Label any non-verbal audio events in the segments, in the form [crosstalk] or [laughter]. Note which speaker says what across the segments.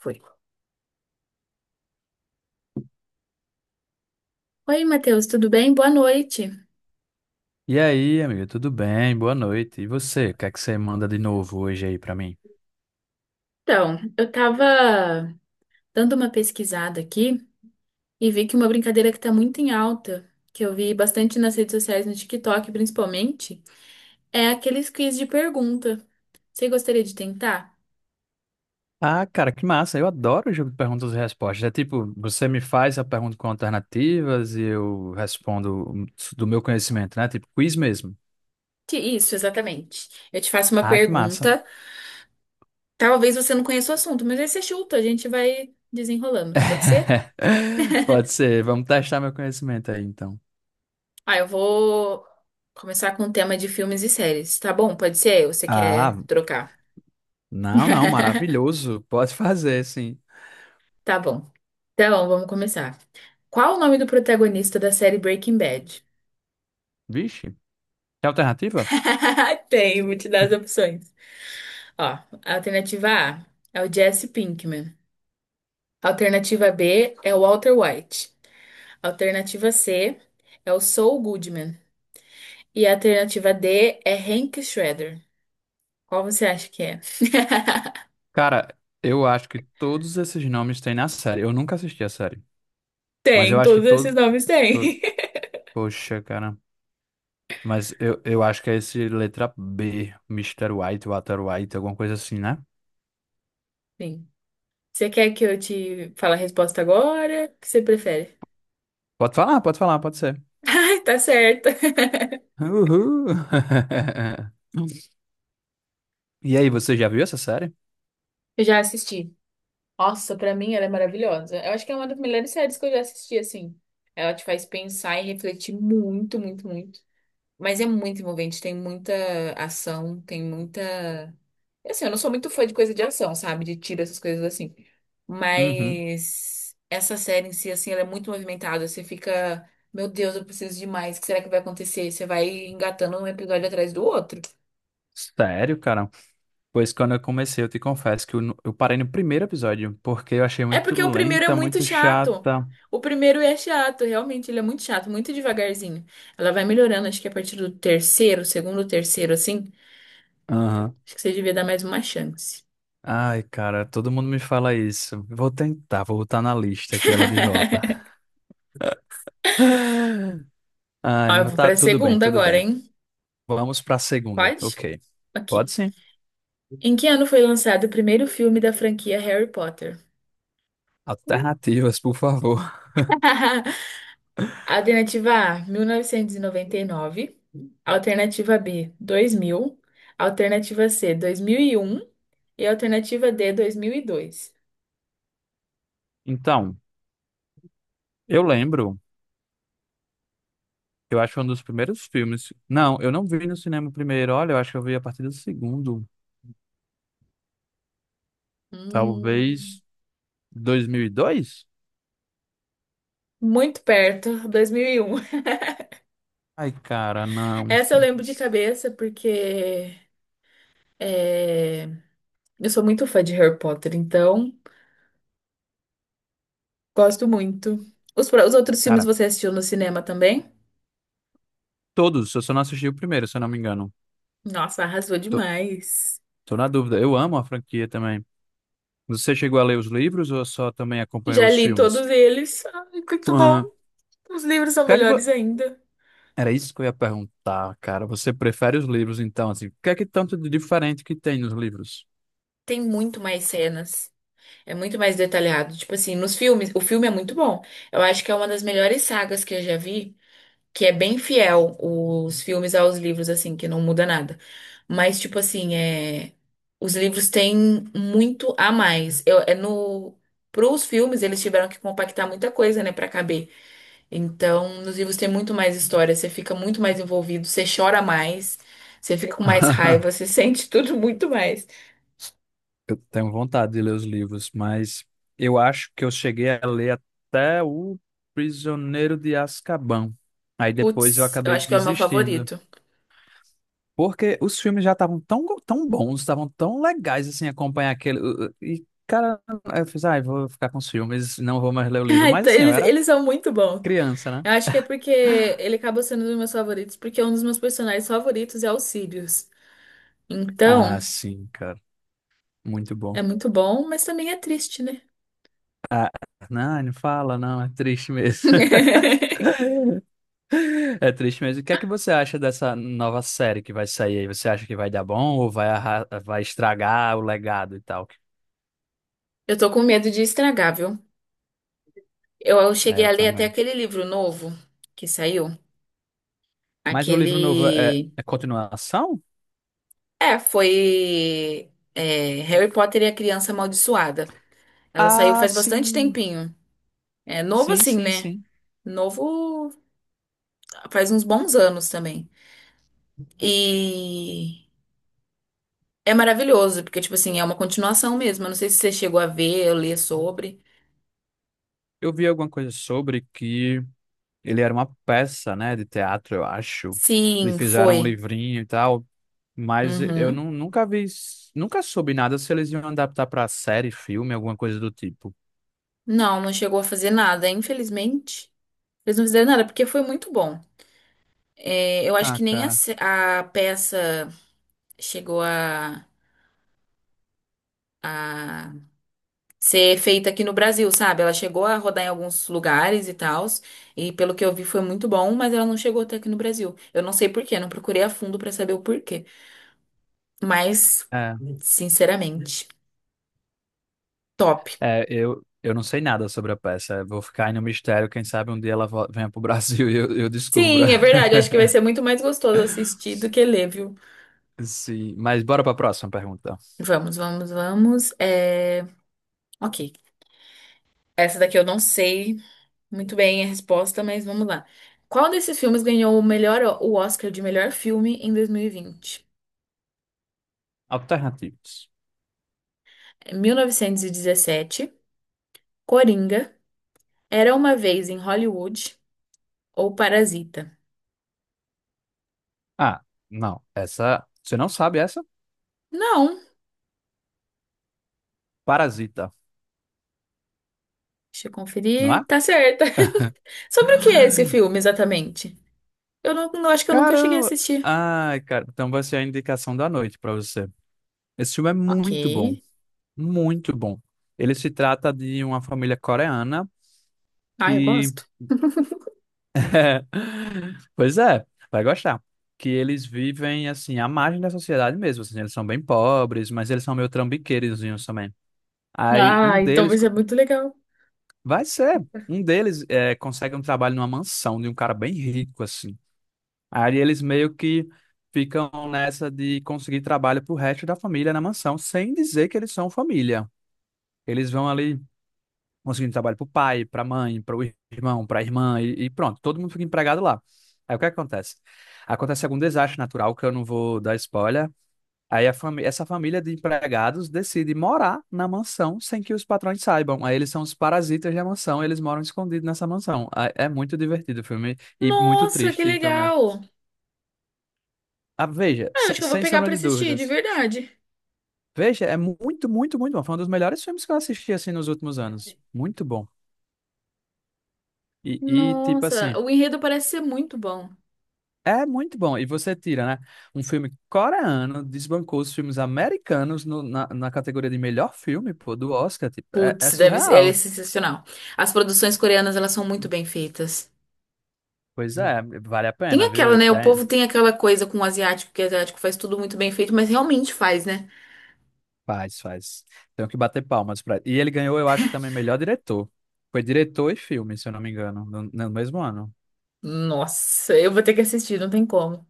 Speaker 1: Foi. Oi, Matheus, tudo bem? Boa noite.
Speaker 2: E aí, amigo, tudo bem? Boa noite. E você? O que é que você manda de novo hoje aí pra mim?
Speaker 1: Então, eu tava dando uma pesquisada aqui e vi que uma brincadeira que tá muito em alta, que eu vi bastante nas redes sociais, no TikTok principalmente, é aqueles quiz de pergunta. Você gostaria de tentar?
Speaker 2: Ah, cara, que massa. Eu adoro o jogo de perguntas e respostas. É tipo, você me faz a pergunta com alternativas e eu respondo do meu conhecimento, né? Tipo, quiz mesmo.
Speaker 1: Isso, exatamente. Eu te faço uma
Speaker 2: Ah, que massa.
Speaker 1: pergunta. Talvez você não conheça o assunto, mas aí você chuta, a gente vai desenrolando. Pode ser?
Speaker 2: [laughs] Pode ser. Vamos testar meu conhecimento aí, então.
Speaker 1: Ah, eu vou começar com o tema de filmes e séries, tá bom? Pode ser? Ou você quer
Speaker 2: Ah,
Speaker 1: trocar?
Speaker 2: não, não,
Speaker 1: [laughs]
Speaker 2: maravilhoso. Pode fazer, sim.
Speaker 1: Tá bom. Então, vamos começar. Qual o nome do protagonista da série Breaking Bad?
Speaker 2: Vixe, tem alternativa?
Speaker 1: [laughs] Tem, vou te dar as opções. Ó, alternativa A é o Jesse Pinkman. Alternativa B é o Walter White. Alternativa C é o Saul Goodman. E a alternativa D é Hank Shredder. Qual você acha que é? [laughs]
Speaker 2: Cara, eu acho que todos esses nomes têm na série. Eu nunca assisti a série. Mas eu
Speaker 1: Tem,
Speaker 2: acho que
Speaker 1: todos esses
Speaker 2: todo.
Speaker 1: nomes
Speaker 2: to-
Speaker 1: têm. [laughs]
Speaker 2: Poxa, cara. Mas eu acho que é esse letra B, Mister White, Walter White, alguma coisa assim, né?
Speaker 1: Sim. Você quer que eu te fale a resposta agora? O que você prefere?
Speaker 2: Pode falar, pode falar, pode ser.
Speaker 1: [laughs] Ai, tá certo.
Speaker 2: Uhul! [laughs] E aí, você já viu essa série?
Speaker 1: Eu já assisti. Nossa, pra mim ela é maravilhosa. Eu acho que é uma das melhores séries que eu já assisti, assim. Ela te faz pensar e refletir muito, muito, muito. Mas é muito envolvente, tem muita ação, tem muita. Assim, eu não sou muito fã de coisa de ação, sabe? De tiro, essas coisas assim.
Speaker 2: Uhum.
Speaker 1: Mas essa série em si, assim, ela é muito movimentada. Você fica, meu Deus, eu preciso de mais. O que será que vai acontecer? Você vai engatando um episódio atrás do outro.
Speaker 2: Sério, cara? Pois quando eu comecei, eu te confesso que eu parei no primeiro episódio, porque eu achei
Speaker 1: É
Speaker 2: muito
Speaker 1: porque o primeiro é
Speaker 2: lenta,
Speaker 1: muito
Speaker 2: muito
Speaker 1: chato.
Speaker 2: chata.
Speaker 1: O primeiro é chato, realmente, ele é muito chato, muito devagarzinho. Ela vai melhorando, acho que a partir do terceiro, segundo, terceiro, assim.
Speaker 2: Aham.
Speaker 1: Acho que você devia dar mais uma chance.
Speaker 2: Ai, cara, todo mundo me fala isso. Vou tentar, vou botar na lista aqui ela de volta.
Speaker 1: [laughs]
Speaker 2: [laughs] Ai,
Speaker 1: Ó, eu
Speaker 2: mas
Speaker 1: vou
Speaker 2: tá
Speaker 1: pra
Speaker 2: tudo bem,
Speaker 1: segunda
Speaker 2: tudo
Speaker 1: agora,
Speaker 2: bem.
Speaker 1: hein?
Speaker 2: Vamos pra segunda.
Speaker 1: Pode?
Speaker 2: Ok. Pode
Speaker 1: Aqui.
Speaker 2: sim.
Speaker 1: Em que ano foi lançado o primeiro filme da franquia Harry Potter?
Speaker 2: Alternativas, por favor.
Speaker 1: [laughs] Alternativa A, mil novecentos e noventa e nove. Alternativa B, 2000. Alternativa C, 2001. E alternativa D, 2002.
Speaker 2: Então, eu lembro, eu acho que um dos primeiros filmes. Não, eu não vi no cinema o primeiro. Olha, eu acho que eu vi a partir do segundo.
Speaker 1: Hum.
Speaker 2: Talvez 2002.
Speaker 1: Muito perto, 2001.
Speaker 2: Ai, cara, não.
Speaker 1: Essa eu lembro de cabeça porque é, eu sou muito fã de Harry Potter, então gosto muito. Os outros filmes
Speaker 2: Cara,
Speaker 1: você assistiu no cinema também?
Speaker 2: todos. Eu só não assisti o primeiro, se eu não me engano.
Speaker 1: Nossa, arrasou
Speaker 2: Tô,
Speaker 1: demais.
Speaker 2: Tô na dúvida. Eu amo a franquia também. Você chegou a ler os livros ou só também acompanhou
Speaker 1: Já
Speaker 2: os
Speaker 1: li
Speaker 2: filmes?
Speaker 1: todos eles. Ai, muito
Speaker 2: Aham. O
Speaker 1: bom. Os livros são
Speaker 2: que é que vo-
Speaker 1: melhores ainda.
Speaker 2: Era isso que eu ia perguntar, cara. Você prefere os livros, então, assim? O que é que tanto de diferente que tem nos livros?
Speaker 1: Tem muito mais cenas. É muito mais detalhado. Tipo assim, nos filmes, o filme é muito bom. Eu acho que é uma das melhores sagas que eu já vi. Que é bem fiel os filmes aos livros, assim, que não muda nada. Mas, tipo assim, é... os livros têm muito a mais. Eu, é no... Pros filmes, eles tiveram que compactar muita coisa, né, pra caber. Então, nos livros tem muito mais história, você fica muito mais envolvido, você chora mais, você fica com mais raiva, você [laughs]
Speaker 2: [laughs]
Speaker 1: sente tudo muito mais.
Speaker 2: Eu tenho vontade de ler os livros, mas eu acho que eu cheguei a ler até o Prisioneiro de Azkaban. Aí depois eu
Speaker 1: Putz, eu
Speaker 2: acabei
Speaker 1: acho que é o meu
Speaker 2: desistindo.
Speaker 1: favorito.
Speaker 2: Porque os filmes já estavam tão bons, estavam tão legais assim, acompanhar aquele. E, cara, eu fiz, ai, vou ficar com os filmes, não vou mais ler o
Speaker 1: [laughs]
Speaker 2: livro.
Speaker 1: Ah,
Speaker 2: Mas
Speaker 1: então,
Speaker 2: assim, eu
Speaker 1: Eles,
Speaker 2: era
Speaker 1: eles são muito bons.
Speaker 2: criança,
Speaker 1: Eu
Speaker 2: né?
Speaker 1: acho que é porque ele acaba sendo um dos meus favoritos, porque é um dos meus personagens favoritos é o Sirius.
Speaker 2: Ah,
Speaker 1: Então,
Speaker 2: sim, cara. Muito bom.
Speaker 1: é muito bom, mas também é triste, né?
Speaker 2: Não, não fala, não, é triste mesmo. [laughs]
Speaker 1: [laughs]
Speaker 2: É triste mesmo. O que é que você acha dessa nova série que vai sair aí? Você acha que vai dar bom ou vai estragar o legado e tal?
Speaker 1: Eu tô com medo de estragar, viu? Eu
Speaker 2: É,
Speaker 1: cheguei
Speaker 2: eu
Speaker 1: a ler até
Speaker 2: também.
Speaker 1: aquele livro novo que saiu.
Speaker 2: Mas o livro novo
Speaker 1: Aquele.
Speaker 2: é continuação?
Speaker 1: É, foi. É, Harry Potter e a Criança Amaldiçoada. Ela saiu
Speaker 2: Ah,
Speaker 1: faz bastante
Speaker 2: sim.
Speaker 1: tempinho. É novo
Speaker 2: Sim,
Speaker 1: assim,
Speaker 2: sim,
Speaker 1: né?
Speaker 2: sim.
Speaker 1: Novo faz uns bons anos também. E é maravilhoso, porque, tipo assim, é uma continuação mesmo. Eu não sei se você chegou a ver ou ler sobre.
Speaker 2: Eu vi alguma coisa sobre que ele era uma peça, né, de teatro, eu acho. E
Speaker 1: Sim,
Speaker 2: fizeram um
Speaker 1: foi.
Speaker 2: livrinho e tal, mas
Speaker 1: Uhum.
Speaker 2: nunca vi, nunca soube nada se eles iam adaptar para série, filme, alguma coisa do tipo.
Speaker 1: Não, não chegou a fazer nada, infelizmente. Eles não fizeram nada, porque foi muito bom. É, eu acho
Speaker 2: Ah,
Speaker 1: que nem a,
Speaker 2: cara.
Speaker 1: se- a peça chegou a ser feita aqui no Brasil, sabe? Ela chegou a rodar em alguns lugares e tal e pelo que eu vi foi muito bom, mas ela não chegou até aqui no Brasil. Eu não sei por quê, não procurei a fundo pra saber o porquê. Mas,
Speaker 2: É,
Speaker 1: sinceramente, top.
Speaker 2: eu não sei nada sobre a peça. Eu vou ficar aí no mistério. Quem sabe um dia venha pro Brasil [laughs] e eu descubra.
Speaker 1: Sim, é verdade. Acho que vai ser muito mais gostoso assistir do que ler, viu?
Speaker 2: [laughs] Sim, mas bora para a próxima pergunta.
Speaker 1: Vamos, vamos, vamos. É... Ok. Essa daqui eu não sei muito bem a resposta, mas vamos lá. Qual desses filmes ganhou o melhor, o Oscar de melhor filme em dois mil e vinte?
Speaker 2: Alternativas.
Speaker 1: 1917, Coringa, Era uma Vez em Hollywood ou Parasita?
Speaker 2: Ah, não. Essa, você não sabe essa?
Speaker 1: Não.
Speaker 2: Parasita,
Speaker 1: Deixa eu
Speaker 2: não é?
Speaker 1: conferir. Tá certa. [laughs] Sobre o que é esse
Speaker 2: [gasps]
Speaker 1: filme exatamente? Eu não acho que eu nunca cheguei a
Speaker 2: Caramba!
Speaker 1: assistir.
Speaker 2: Ai, cara, então vai ser a indicação da noite pra você. Esse filme é
Speaker 1: Ok.
Speaker 2: muito bom, muito bom. Ele se trata de uma família coreana
Speaker 1: Ah, eu
Speaker 2: que,
Speaker 1: gosto.
Speaker 2: [laughs] pois é, vai gostar. Que eles vivem assim à margem da sociedade mesmo. Assim, eles são bem pobres, mas eles são meio trambiqueirozinhos também. Aí um
Speaker 1: Ah, então
Speaker 2: deles
Speaker 1: vai ser
Speaker 2: co-
Speaker 1: muito legal.
Speaker 2: vai ser, um deles consegue um trabalho numa mansão de um cara bem rico assim. Aí eles meio que ficam nessa de conseguir trabalho pro resto da família na mansão, sem dizer que eles são família. Eles vão ali conseguindo trabalho pro pai, pra mãe, para o irmão, pra irmã, e pronto, todo mundo fica empregado lá. Aí o que acontece? Acontece algum desastre natural, que eu não vou dar spoiler. Essa família de empregados decide morar na mansão sem que os patrões saibam. Aí eles são os parasitas da mansão, eles moram escondidos nessa mansão. Aí é muito divertido o filme e muito
Speaker 1: Nossa, que
Speaker 2: triste também.
Speaker 1: legal!
Speaker 2: Ah, veja,
Speaker 1: Ah, eu acho que eu vou
Speaker 2: sem
Speaker 1: pegar
Speaker 2: sombra
Speaker 1: pra
Speaker 2: de
Speaker 1: assistir, de
Speaker 2: dúvidas.
Speaker 1: verdade.
Speaker 2: Veja, é muito, muito, muito bom. Foi um dos melhores filmes que eu assisti, assim, nos últimos anos. Muito bom. Tipo
Speaker 1: Nossa,
Speaker 2: assim,
Speaker 1: o enredo parece ser muito bom.
Speaker 2: é muito bom. E você tira, né? Um filme coreano desbancou os filmes americanos na, na categoria de melhor filme, pô, do Oscar. Tipo, é
Speaker 1: Putz, deve ser, ele é
Speaker 2: surreal.
Speaker 1: sensacional. As produções coreanas, elas são muito bem feitas.
Speaker 2: Pois é, vale a
Speaker 1: Tem
Speaker 2: pena, viu?
Speaker 1: aquela, né? O
Speaker 2: É,
Speaker 1: povo tem aquela coisa com o asiático, que o asiático faz tudo muito bem feito, mas realmente faz, né?
Speaker 2: faz, faz. Tenho que bater palmas pra... E ele ganhou, eu acho que também melhor diretor. Foi diretor e filme, se eu não me engano, no mesmo ano.
Speaker 1: Nossa, eu vou ter que assistir, não tem como.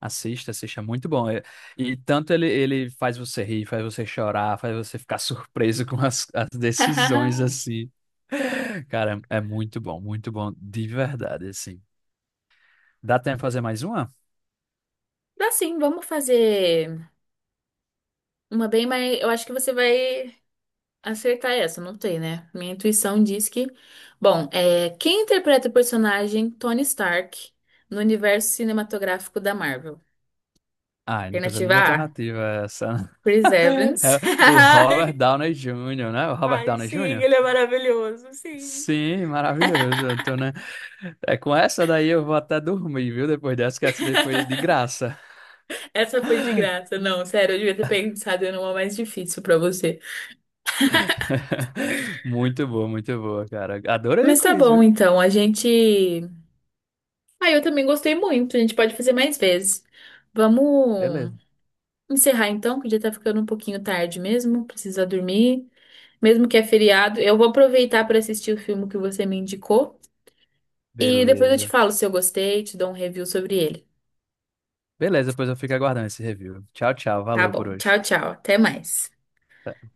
Speaker 2: Assista, assista, é muito bom. É. E tanto ele, ele faz você rir, faz você chorar, faz você ficar [laughs] surpreso com as decisões,
Speaker 1: [laughs]
Speaker 2: assim. Cara, é muito bom, de verdade, assim. Dá tempo de fazer mais uma?
Speaker 1: Dá sim, vamos fazer uma bem, mas eu acho que você vai. Acertar essa, não tem, né? Minha intuição diz que. Bom, é... quem interpreta o personagem Tony Stark no universo cinematográfico da Marvel?
Speaker 2: Ah, não precisa nem
Speaker 1: Alternativa
Speaker 2: de
Speaker 1: A,
Speaker 2: alternativa essa.
Speaker 1: Chris
Speaker 2: [laughs]
Speaker 1: Evans.
Speaker 2: É o
Speaker 1: [laughs]
Speaker 2: Robert Downey Jr., né? O Robert
Speaker 1: Ai,
Speaker 2: Downey
Speaker 1: sim,
Speaker 2: Jr.?
Speaker 1: ele é maravilhoso, sim.
Speaker 2: Sim, maravilhoso. Então, né? É com essa daí eu vou até dormir, viu? Depois dessa, que essa daí foi de
Speaker 1: [laughs]
Speaker 2: graça.
Speaker 1: Essa foi de graça.
Speaker 2: [laughs]
Speaker 1: Não, sério, eu devia ter pensado numa mais difícil pra você.
Speaker 2: [laughs] Muito boa, cara. Adorei o
Speaker 1: Mas tá
Speaker 2: quiz,
Speaker 1: bom,
Speaker 2: viu?
Speaker 1: então. A gente. Ah, eu também gostei muito. A gente pode fazer mais vezes. Vamos
Speaker 2: Beleza.
Speaker 1: encerrar então, que já tá ficando um pouquinho tarde mesmo. Precisa dormir. Mesmo que é feriado. Eu vou aproveitar para assistir o filme que você me indicou e depois eu te
Speaker 2: Beleza.
Speaker 1: falo se eu gostei, te dou um review sobre ele.
Speaker 2: Beleza, pois eu fico aguardando esse review. Tchau, tchau.
Speaker 1: Tá
Speaker 2: Valeu por
Speaker 1: bom.
Speaker 2: hoje.
Speaker 1: Tchau, tchau. Até mais.
Speaker 2: Tá.